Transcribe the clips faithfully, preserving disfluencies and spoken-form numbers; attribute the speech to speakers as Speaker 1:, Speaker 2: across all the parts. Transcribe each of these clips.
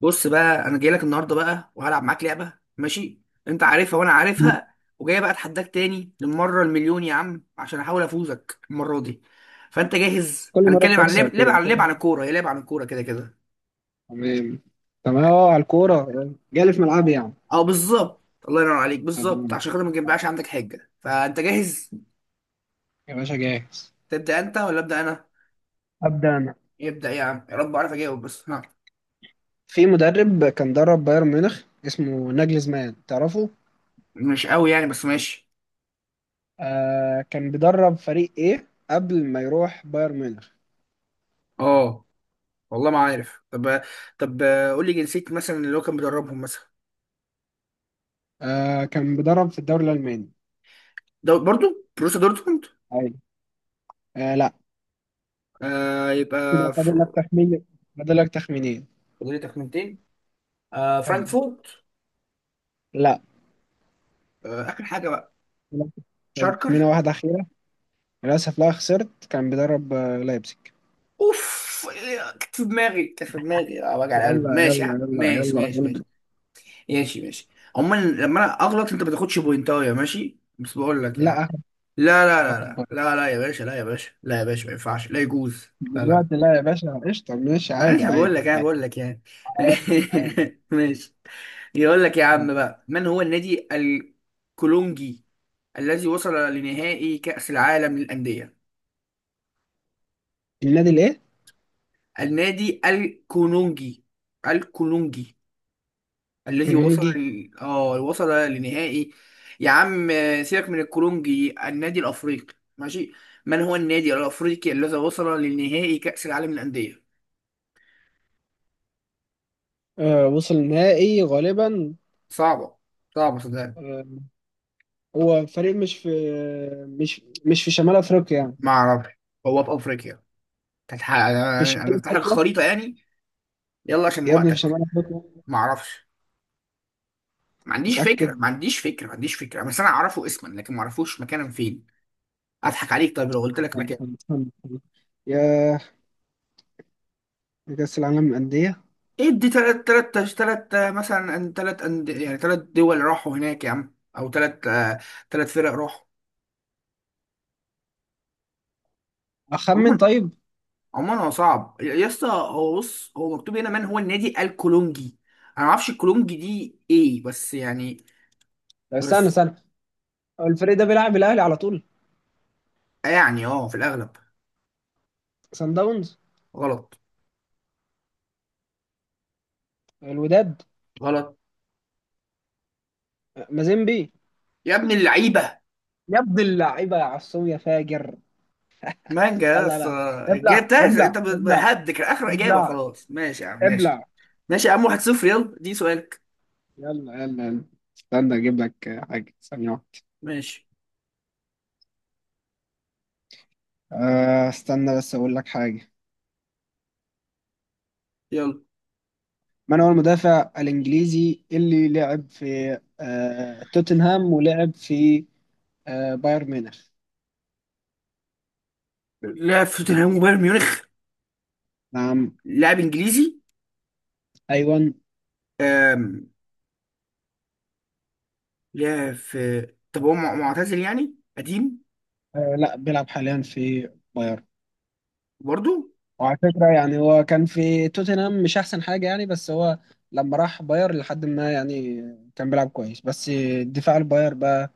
Speaker 1: بص بقى انا جاي لك النهارده بقى وهلعب معاك لعبه. ماشي، انت عارفها وانا عارفها، وجاي بقى اتحداك تاني للمره المليون يا عم عشان احاول افوزك المره دي. فانت جاهز؟
Speaker 2: كل مرة
Speaker 1: هنتكلم عن
Speaker 2: بتخسر
Speaker 1: لعب لعب
Speaker 2: كده
Speaker 1: عن
Speaker 2: كل
Speaker 1: لعب عن
Speaker 2: مرة.
Speaker 1: الكوره، هي لعب عن الكوره كده كده.
Speaker 2: تمام. تمام اه على الكورة. جالي في ملعبي يعني.
Speaker 1: اه، بالظبط، الله ينور عليك،
Speaker 2: أبدأ
Speaker 1: بالظبط.
Speaker 2: أنا.
Speaker 1: عشان خاطر ما تجيبهاش عندك حجه، فانت جاهز؟
Speaker 2: يا باشا جاهز.
Speaker 1: تبدا انت ولا ابدا انا؟
Speaker 2: أبدأ أنا.
Speaker 1: يبدا يا عم، يا رب اعرف اجاوب بس. ها.
Speaker 2: في مدرب كان درب بايرن ميونخ اسمه ناجلزمان، تعرفه؟
Speaker 1: مش قوي يعني، بس ماشي.
Speaker 2: آه كان بيدرب فريق إيه قبل ما يروح بايرن ميونخ؟
Speaker 1: اه، والله ما عارف. طب طب قول لي جنسيه مثلا اللي هو كان بيدربهم مثلا.
Speaker 2: آه كان بيدرب في الدوري الألماني.
Speaker 1: ده برضو بروسيا دورتموند.
Speaker 2: أيوة. آه لا.
Speaker 1: آه، يبقى
Speaker 2: كده فاضل
Speaker 1: فر...
Speaker 2: لك تخمين. فاضل لك تخمينين.
Speaker 1: فاضل لي تخمينتين. آه،
Speaker 2: أيوة.
Speaker 1: فرانكفورت.
Speaker 2: لا.
Speaker 1: آه، آخر حاجة بقى، شاركر.
Speaker 2: تخمينة واحدة أخيرة. للأسف لا، خسرت. كان بيدرب آه، لايبزيج.
Speaker 1: اوف، إيه، كانت في دماغي، كانت في دماغي، اه وجع القلب.
Speaker 2: يلا
Speaker 1: ماشي يا
Speaker 2: يلا.
Speaker 1: عم.
Speaker 2: يلا
Speaker 1: ماشي
Speaker 2: يلا.
Speaker 1: ماشي ماشي. ماشي ماشي. عموما لما انا اغلط انت ما تاخدش بوينتايه، ماشي، بس بقول لك
Speaker 2: لا
Speaker 1: يعني.
Speaker 2: اخد.
Speaker 1: لا لا لا
Speaker 2: اخد بالي.
Speaker 1: لا. لا لا يا باشا، لا يا باشا، لا يا باشا، ما ينفعش، لا يجوز. لا لا.
Speaker 2: دلوقتي لا يا باشا، قشطه ماشي،
Speaker 1: معلش،
Speaker 2: عادي
Speaker 1: بقول
Speaker 2: عادي
Speaker 1: لك، انا
Speaker 2: عادي.
Speaker 1: بقول لك يعني.
Speaker 2: عادي عادي.
Speaker 1: ماشي. يقول لك يا عم
Speaker 2: عادي.
Speaker 1: بقى، من هو النادي الكولونجي الذي وصل لنهائي كأس العالم للأندية؟
Speaker 2: النادي الايه؟
Speaker 1: النادي الكولونجي، الكولونجي الذي وصل
Speaker 2: كونونجي.
Speaker 1: ل- اه وصل لنهائي. يا عم سيبك من الكولونجي، النادي الأفريقي ماشي. من هو النادي الأفريقي الذي وصل لنهائي كأس العالم للأندية؟
Speaker 2: آه وصل نهائي غالبا.
Speaker 1: صعبة. صعبة صدقني.
Speaker 2: آه. هو فريق مش في مش مش في شمال افريقيا يعني.
Speaker 1: ما أعرفش. هو في أفريقيا. كانت ح- انا
Speaker 2: في
Speaker 1: أنا
Speaker 2: شمال
Speaker 1: افتح لك
Speaker 2: افريقيا.
Speaker 1: الخريطه يعني. يلا عشان
Speaker 2: يا ابني في
Speaker 1: وقتك.
Speaker 2: شمال افريقيا.
Speaker 1: ما اعرفش. ما عنديش
Speaker 2: متأكد.
Speaker 1: فكره، ما عنديش فكره، ما عنديش فكره، بس انا اعرفه اسما لكن ما اعرفوش مكانا فين. اضحك عليك؟ طيب لو قلت لك
Speaker 2: يعني
Speaker 1: مكان.
Speaker 2: كان- كان- كان- يا كأس العالم للأندية.
Speaker 1: ادي تلات تلات تلات آه، مثلا، أن- تلات أند- يعني تلات دول راحوا هناك يا عم، او تلات، آه، تلات فرق راحوا.
Speaker 2: أخمن
Speaker 1: عموما
Speaker 2: طيب.
Speaker 1: عموما هو صعب يا اسطى، هو بص، هو مكتوب هنا، من هو النادي الكولونجي؟ انا ما اعرفش الكولونجي دي ايه بس يعني
Speaker 2: استنى
Speaker 1: بس
Speaker 2: استنى. هو الفريق ده بيلعب الأهلي على طول.
Speaker 1: يعني اه في الاغلب.
Speaker 2: سان داونز.
Speaker 1: غلط.
Speaker 2: الوداد.
Speaker 1: غلط.
Speaker 2: مازيمبي.
Speaker 1: يا ابن اللعيبه.
Speaker 2: يا ابن اللعيبة يا عصام يا فاجر.
Speaker 1: مانجا
Speaker 2: يلا
Speaker 1: بس.
Speaker 2: لا. ابلع
Speaker 1: جبتهاش انت،
Speaker 2: ابلع ابلع.
Speaker 1: بهدك اخر اجابه،
Speaker 2: ابلع.
Speaker 1: خلاص ماشي يا عم. ماشي
Speaker 2: ابلع.
Speaker 1: ماشي يا عم، واحد صفر، يلا دي سؤالك.
Speaker 2: يلا يلا يلا. استنى اجيب لك آه، حاجة ثانية واحدة.
Speaker 1: ماشي
Speaker 2: آه، استنى بس اقول لك حاجة.
Speaker 1: يلا.
Speaker 2: من هو المدافع الانجليزي اللي لعب في آه، توتنهام، ولعب في آه، بايرن ميونخ؟
Speaker 1: لعب في توتنهام وبايرن ميونخ؟
Speaker 2: نعم.
Speaker 1: لاعب انجليزي.
Speaker 2: ايوه.
Speaker 1: أم... لعب في. طب هو مع- معتزل يعني قديم؟
Speaker 2: آه، لا بيلعب حاليا في بايرن.
Speaker 1: برضو.
Speaker 2: وعلى فكرة يعني هو كان في توتنهام مش احسن حاجة يعني، بس هو لما راح باير لحد ما يعني كان بيلعب كويس، بس دفاع الباير بقى،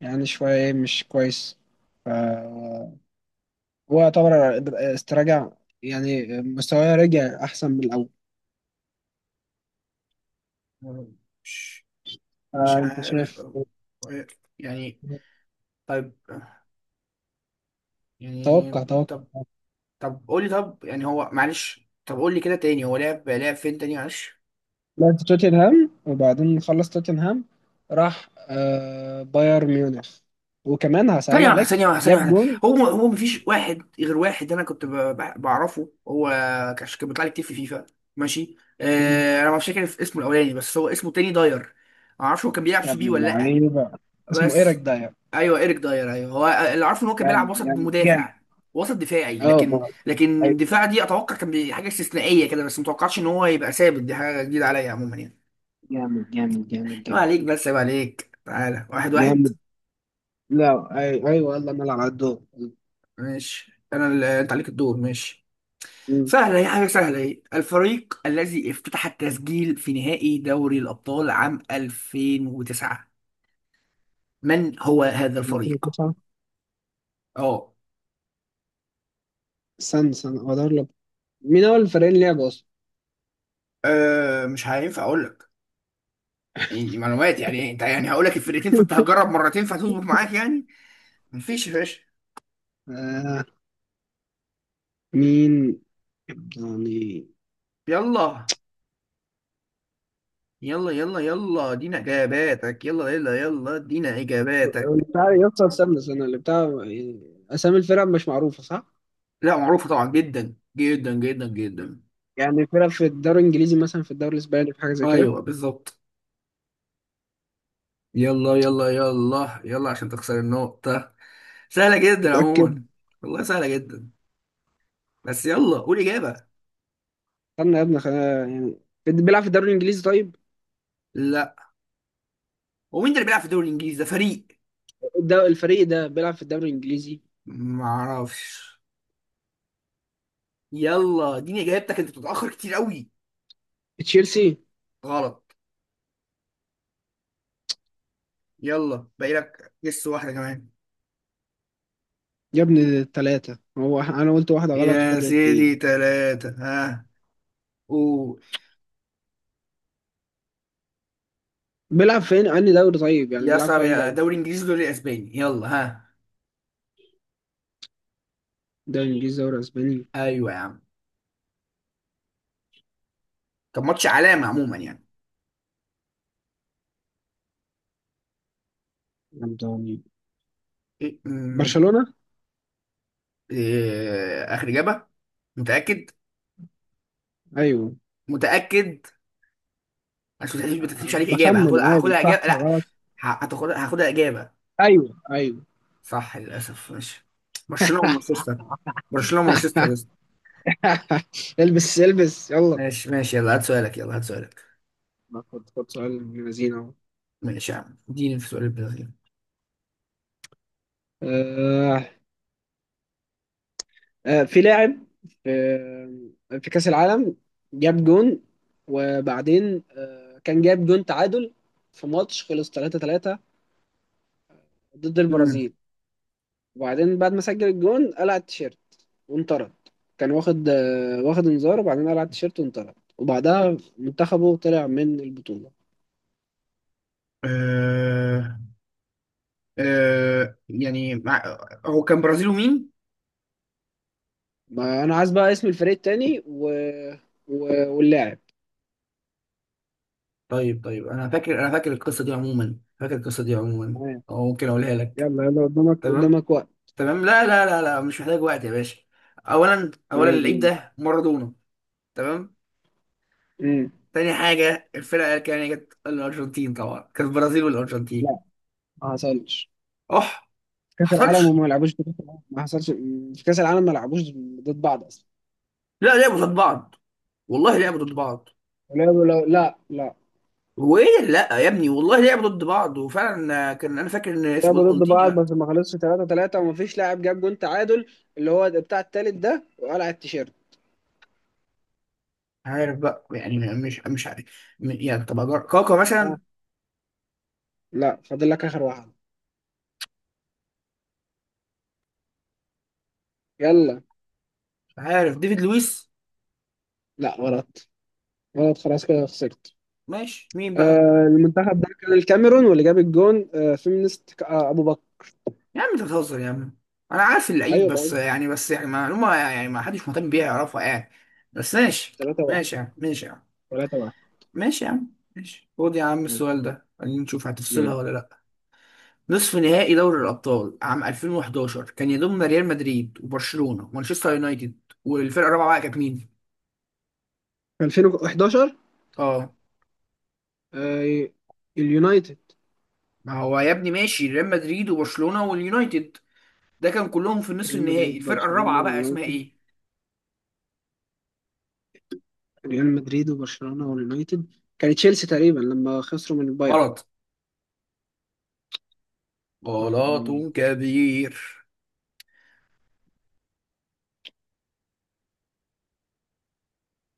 Speaker 2: يعني شوية إيه مش كويس. ف- هو يعتبر استرجع، يعني مستواه رجع أحسن من الأول.
Speaker 1: مش مش
Speaker 2: فأنت
Speaker 1: عارف
Speaker 2: شايف.
Speaker 1: أو- يعني. طيب يعني.
Speaker 2: توقع توقع.
Speaker 1: طب. طب قول لي، طب يعني هو، معلش، طب قول لي كده تاني، هو لعب لعب فين تاني، معلش.
Speaker 2: لعب في توتنهام، وبعدين خلص توتنهام، راح آه، بايرن ميونخ. وكمان هسأل
Speaker 1: ثانية واحدة،
Speaker 2: عليك
Speaker 1: ثانية واحدة، ثانية
Speaker 2: جاب
Speaker 1: واحدة.
Speaker 2: جون.
Speaker 1: هو هو مفيش واحد غير واحد. أنا كنت ب- ب- بعرفه هو، كان كان بيطلع لي كتير في فيفا. ماشي.
Speaker 2: مم.
Speaker 1: آه أنا مش فاكر اسمه الأولاني، بس هو اسمه تاني داير. معرفش هو كان بيلعب
Speaker 2: يا
Speaker 1: سي
Speaker 2: ابن
Speaker 1: بي ولا لأ،
Speaker 2: اللعيبة. اسمه إيريك
Speaker 1: بس.
Speaker 2: داير.
Speaker 1: أيوه، إيريك داير، أيوه هو. اللي عارفه إن هو كان بيلعب
Speaker 2: جامد
Speaker 1: وسط
Speaker 2: جامد جامد.
Speaker 1: مدافع، وسط دفاعي،
Speaker 2: اه.
Speaker 1: لكن
Speaker 2: آه.
Speaker 1: لكن
Speaker 2: أيوة.
Speaker 1: دفاع دي أتوقع كان بي- حاجة استثنائية كده، بس متوقعش إن هو يبقى ثابت. دي حاجة جديدة عليا عموما يعني.
Speaker 2: جامد جامد جامد
Speaker 1: عيب
Speaker 2: جامد.
Speaker 1: عليك، بس عيب عليك، تعالى واحد واحد.
Speaker 2: جامد. لا أي- ايوه، يلا نلعب على الدور.
Speaker 1: ماشي، أنا اللي أنت عليك الدور، ماشي. سهلة، هي حاجة سهلة. هي الفريق الذي افتتح التسجيل في نهائي دوري الأبطال عام ألفين وتسعة، من هو هذا
Speaker 2: مم.
Speaker 1: الفريق؟ اه.
Speaker 2: سان سان هو ده اللي... مين أول فريقين لعبوا أصلا؟
Speaker 1: آه، مش هينفع أقول لك، يعني دي معلومات يعني، أنت يعني هقول لك الفرقتين فأنت هتجرب مرتين فهتظبط معاك يعني. مفيش يا باشا.
Speaker 2: آه. مين يعني؟
Speaker 1: يلا يلا يلا يلا ادينا إجاباتك، يلا يلا يلا ادينا إجاباتك.
Speaker 2: بتاع يسطا، استنى استنى اللي بتاع. أسامي الفرق مش معروفة صح؟
Speaker 1: لا، معروفة طبعا، جدا جدا جدا جدا.
Speaker 2: يعني فرق في الدوري الإنجليزي مثلا، في الدوري الإسباني، في حاجة زي كده.
Speaker 1: أيوه بالظبط. يلا يلا يلا يلا عشان تخسر النقطة. سهلة جدا
Speaker 2: متأكد.
Speaker 1: عموما. والله سهلة جدا. بس يلا قول إجابة.
Speaker 2: استنى يا ابني خلينا يعني. بيلعب في الدوري الإنجليزي طيب.
Speaker 1: لا. هو مين ده اللي بيلعب في الدوري الإنجليزي ده؟ فريق
Speaker 2: ده الفريق ده بيلعب في الدوري الإنجليزي.
Speaker 1: معرفش. يلا اديني إجابتك، أنت بتتأخر كتير قوي.
Speaker 2: تشيلسي.
Speaker 1: غلط. يلا باقي لك جس واحدة كمان.
Speaker 2: يا ابني التلاتة هو، أنا قلت واحدة غلط
Speaker 1: يا
Speaker 2: وفاضل اتنين.
Speaker 1: سيدي تلاتة، ها، قول.
Speaker 2: بيلعب فين أنهي دوري طيب، يعني
Speaker 1: يا
Speaker 2: بيلعب
Speaker 1: صعب،
Speaker 2: في أي
Speaker 1: يا
Speaker 2: دوري؟
Speaker 1: دوري إنجليزي، دوري أسباني، يلا ها.
Speaker 2: دوري إنجليزي دوري أسباني
Speaker 1: أيوة يا عم. طب ماتش علامة عموما يعني.
Speaker 2: يعني.
Speaker 1: إيه، أمم،
Speaker 2: برشلونة؟
Speaker 1: إيه، آخر إجابة. متأكد؟
Speaker 2: ايوه.
Speaker 1: متأكد. عشان ما تحسبش ما تحسبش عليك اجابه، هاخد
Speaker 2: بخمن عادي
Speaker 1: هاخدها
Speaker 2: صح
Speaker 1: اجابه، لا.
Speaker 2: غلط.
Speaker 1: ه- هتاخدها، هاخدها إجابة.
Speaker 2: ايوه ايوه.
Speaker 1: صح، للأسف، ماشي. برشلونة ومانشستر. برشلونة ومانشستر لسه.
Speaker 2: البس البس يلا.
Speaker 1: ماشي ماشي، يلا هات سؤالك، يلا هات سؤالك.
Speaker 2: ما خد خد سؤال ابن لذينه اهو.
Speaker 1: ماشي يا عم، اديني في سؤال البرازيل.
Speaker 2: آه، آه، في لاعب في في كأس العالم جاب جون. وبعدين آه، كان جاب جون تعادل، في ماتش خلص ثلاثة ثلاثة ضد
Speaker 1: مم.
Speaker 2: البرازيل. وبعدين بعد ما سجل الجون قلع التيشيرت وانطرد. كان واخد آه، واخد انذار، وبعدين قلع التيشيرت وانطرد، وبعدها منتخبه طلع من البطولة.
Speaker 1: آه. آه يعني مع... هو كان برازيل ومين؟
Speaker 2: ما انا عايز بقى اسم الفريق التاني و... و... واللاعب.
Speaker 1: طيب طيب، أنا فاكر أنا فاكر القصة دي عموما، فاكر القصة دي عموما.
Speaker 2: تمام
Speaker 1: أو ممكن أقولها لك.
Speaker 2: يلا. يلا قدامك
Speaker 1: تمام.
Speaker 2: قدامك وقت.
Speaker 1: تمام، لا لا لا لا، مش محتاج وقت يا باشا. أولا أولا
Speaker 2: تمام
Speaker 1: اللعيب
Speaker 2: يلا.
Speaker 1: ده مارادونا. تمام.
Speaker 2: امم
Speaker 1: تاني حاجة الفرقة اللي كانت جت الأرجنتين، طبعا كانت البرازيل والأرجنتين.
Speaker 2: لا ما حصلش
Speaker 1: أح.
Speaker 2: في كاس العالم،
Speaker 1: حصلش.
Speaker 2: وما لعبوش في كاس العالم. ما حصلش في كاس العالم، ما لعبوش ضد بعض اصلا.
Speaker 1: لا لعبوا ضد بعض، والله لعبوا ضد بعض.
Speaker 2: ولعبوا لو... لا لا
Speaker 1: وإيه، لا يا ابني والله لعبوا ضد بعض، وفعلا آه، كان، أنا فاكر إن اسمه ده
Speaker 2: لعبوا ضد بعض،
Speaker 1: مالديني.
Speaker 2: بس ما خلصش ثلاثة ثلاثة، وما فيش لاعب جاب جون تعادل، اللي هو بتاع التالت ده وقلع التيشيرت.
Speaker 1: عارف بقى، يعني مش مش عارف. م- يعني طب أجر- كاكا
Speaker 2: ها.
Speaker 1: مثلا.
Speaker 2: لا فاضل لك اخر واحد. يلا.
Speaker 1: عارف ديفيد لويس.
Speaker 2: لا غلط. غلط خلاص، كده خسرت.
Speaker 1: ماشي، مين بقى؟
Speaker 2: آه المنتخب ده كان الكاميرون، واللي جاب الجون آه فيمينيست ك- آه ابو بكر.
Speaker 1: يا عم أنت بتهزر يا عم، أنا عارف اللعيب،
Speaker 2: ايوه
Speaker 1: بس
Speaker 2: بقول
Speaker 1: يعني بس يعني معلومة يعني ما حدش مهتم بيها يعرفها يعني، بس ماشي.
Speaker 2: ثلاثة واحد.
Speaker 1: ماشي يا عم، ماشي يا عم،
Speaker 2: ثلاثة واحد
Speaker 1: ماشي يا عم، ماشي، خد يا عم السؤال ده، خلينا نشوف هتفصلها
Speaker 2: يعني.
Speaker 1: ولا لا. نصف نهائي دوري الأبطال عام ألفين وحداشر كان يضم ريال مدريد وبرشلونة ومانشستر يونايتد، والفرقة الرابعة بقى كانت مين؟
Speaker 2: ألفين وحداشر.
Speaker 1: اه.
Speaker 2: آه اليونايتد.
Speaker 1: ما هو يا ابني ماشي، ريال مدريد وبرشلونة واليونايتد ده كان كلهم في النصف
Speaker 2: ريال
Speaker 1: النهائي،
Speaker 2: مدريد
Speaker 1: الفرقة
Speaker 2: برشلونة
Speaker 1: الرابعة بقى اسمها
Speaker 2: اليونايتد.
Speaker 1: ايه؟
Speaker 2: ريال مدريد وبرشلونة واليونايتد. كان تشيلسي تقريبا لما خسروا من البايرن.
Speaker 1: غلط. غلط
Speaker 2: ايوه
Speaker 1: كبير.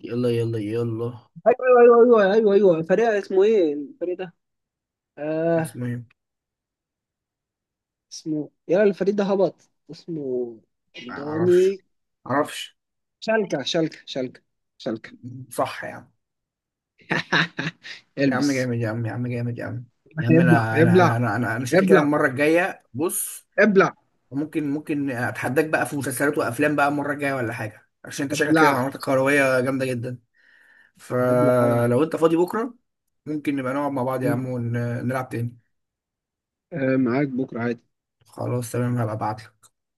Speaker 1: يلا يلا يلا.
Speaker 2: ايوه ايوه ايوه ايوه. فريق اسمه ايه الفريق ده؟ آه.
Speaker 1: اسمها ايه؟
Speaker 2: اسمه يلا، الفريق ده هبط اسمه.
Speaker 1: معرفش.
Speaker 2: دوني.
Speaker 1: معرفش.
Speaker 2: شالكة شالكة شالكة. شالكة.
Speaker 1: صح يا عم. يا عم
Speaker 2: البس.
Speaker 1: جامد يا عم، يا عم جامد يا عم. يا عم،
Speaker 2: هيبلع
Speaker 1: انا انا
Speaker 2: هيبلع
Speaker 1: انا انا انا, أنا شكلي كده
Speaker 2: هيبلع.
Speaker 1: المره الجايه، بص،
Speaker 2: هيبلع.
Speaker 1: ممكن ممكن اتحداك بقى في مسلسلات وافلام بقى المره الجايه ولا حاجه، عشان انت شكلك كده
Speaker 2: هيبلع.
Speaker 1: معلوماتك كرويه جامده جدا.
Speaker 2: هيبلع انا.
Speaker 1: فلو انت فاضي بكره ممكن نبقى نقعد مع بعض يا عم
Speaker 2: مم.
Speaker 1: ونلعب تاني.
Speaker 2: آه معاك بكره عادي
Speaker 1: خلاص تمام هبقى ابعت.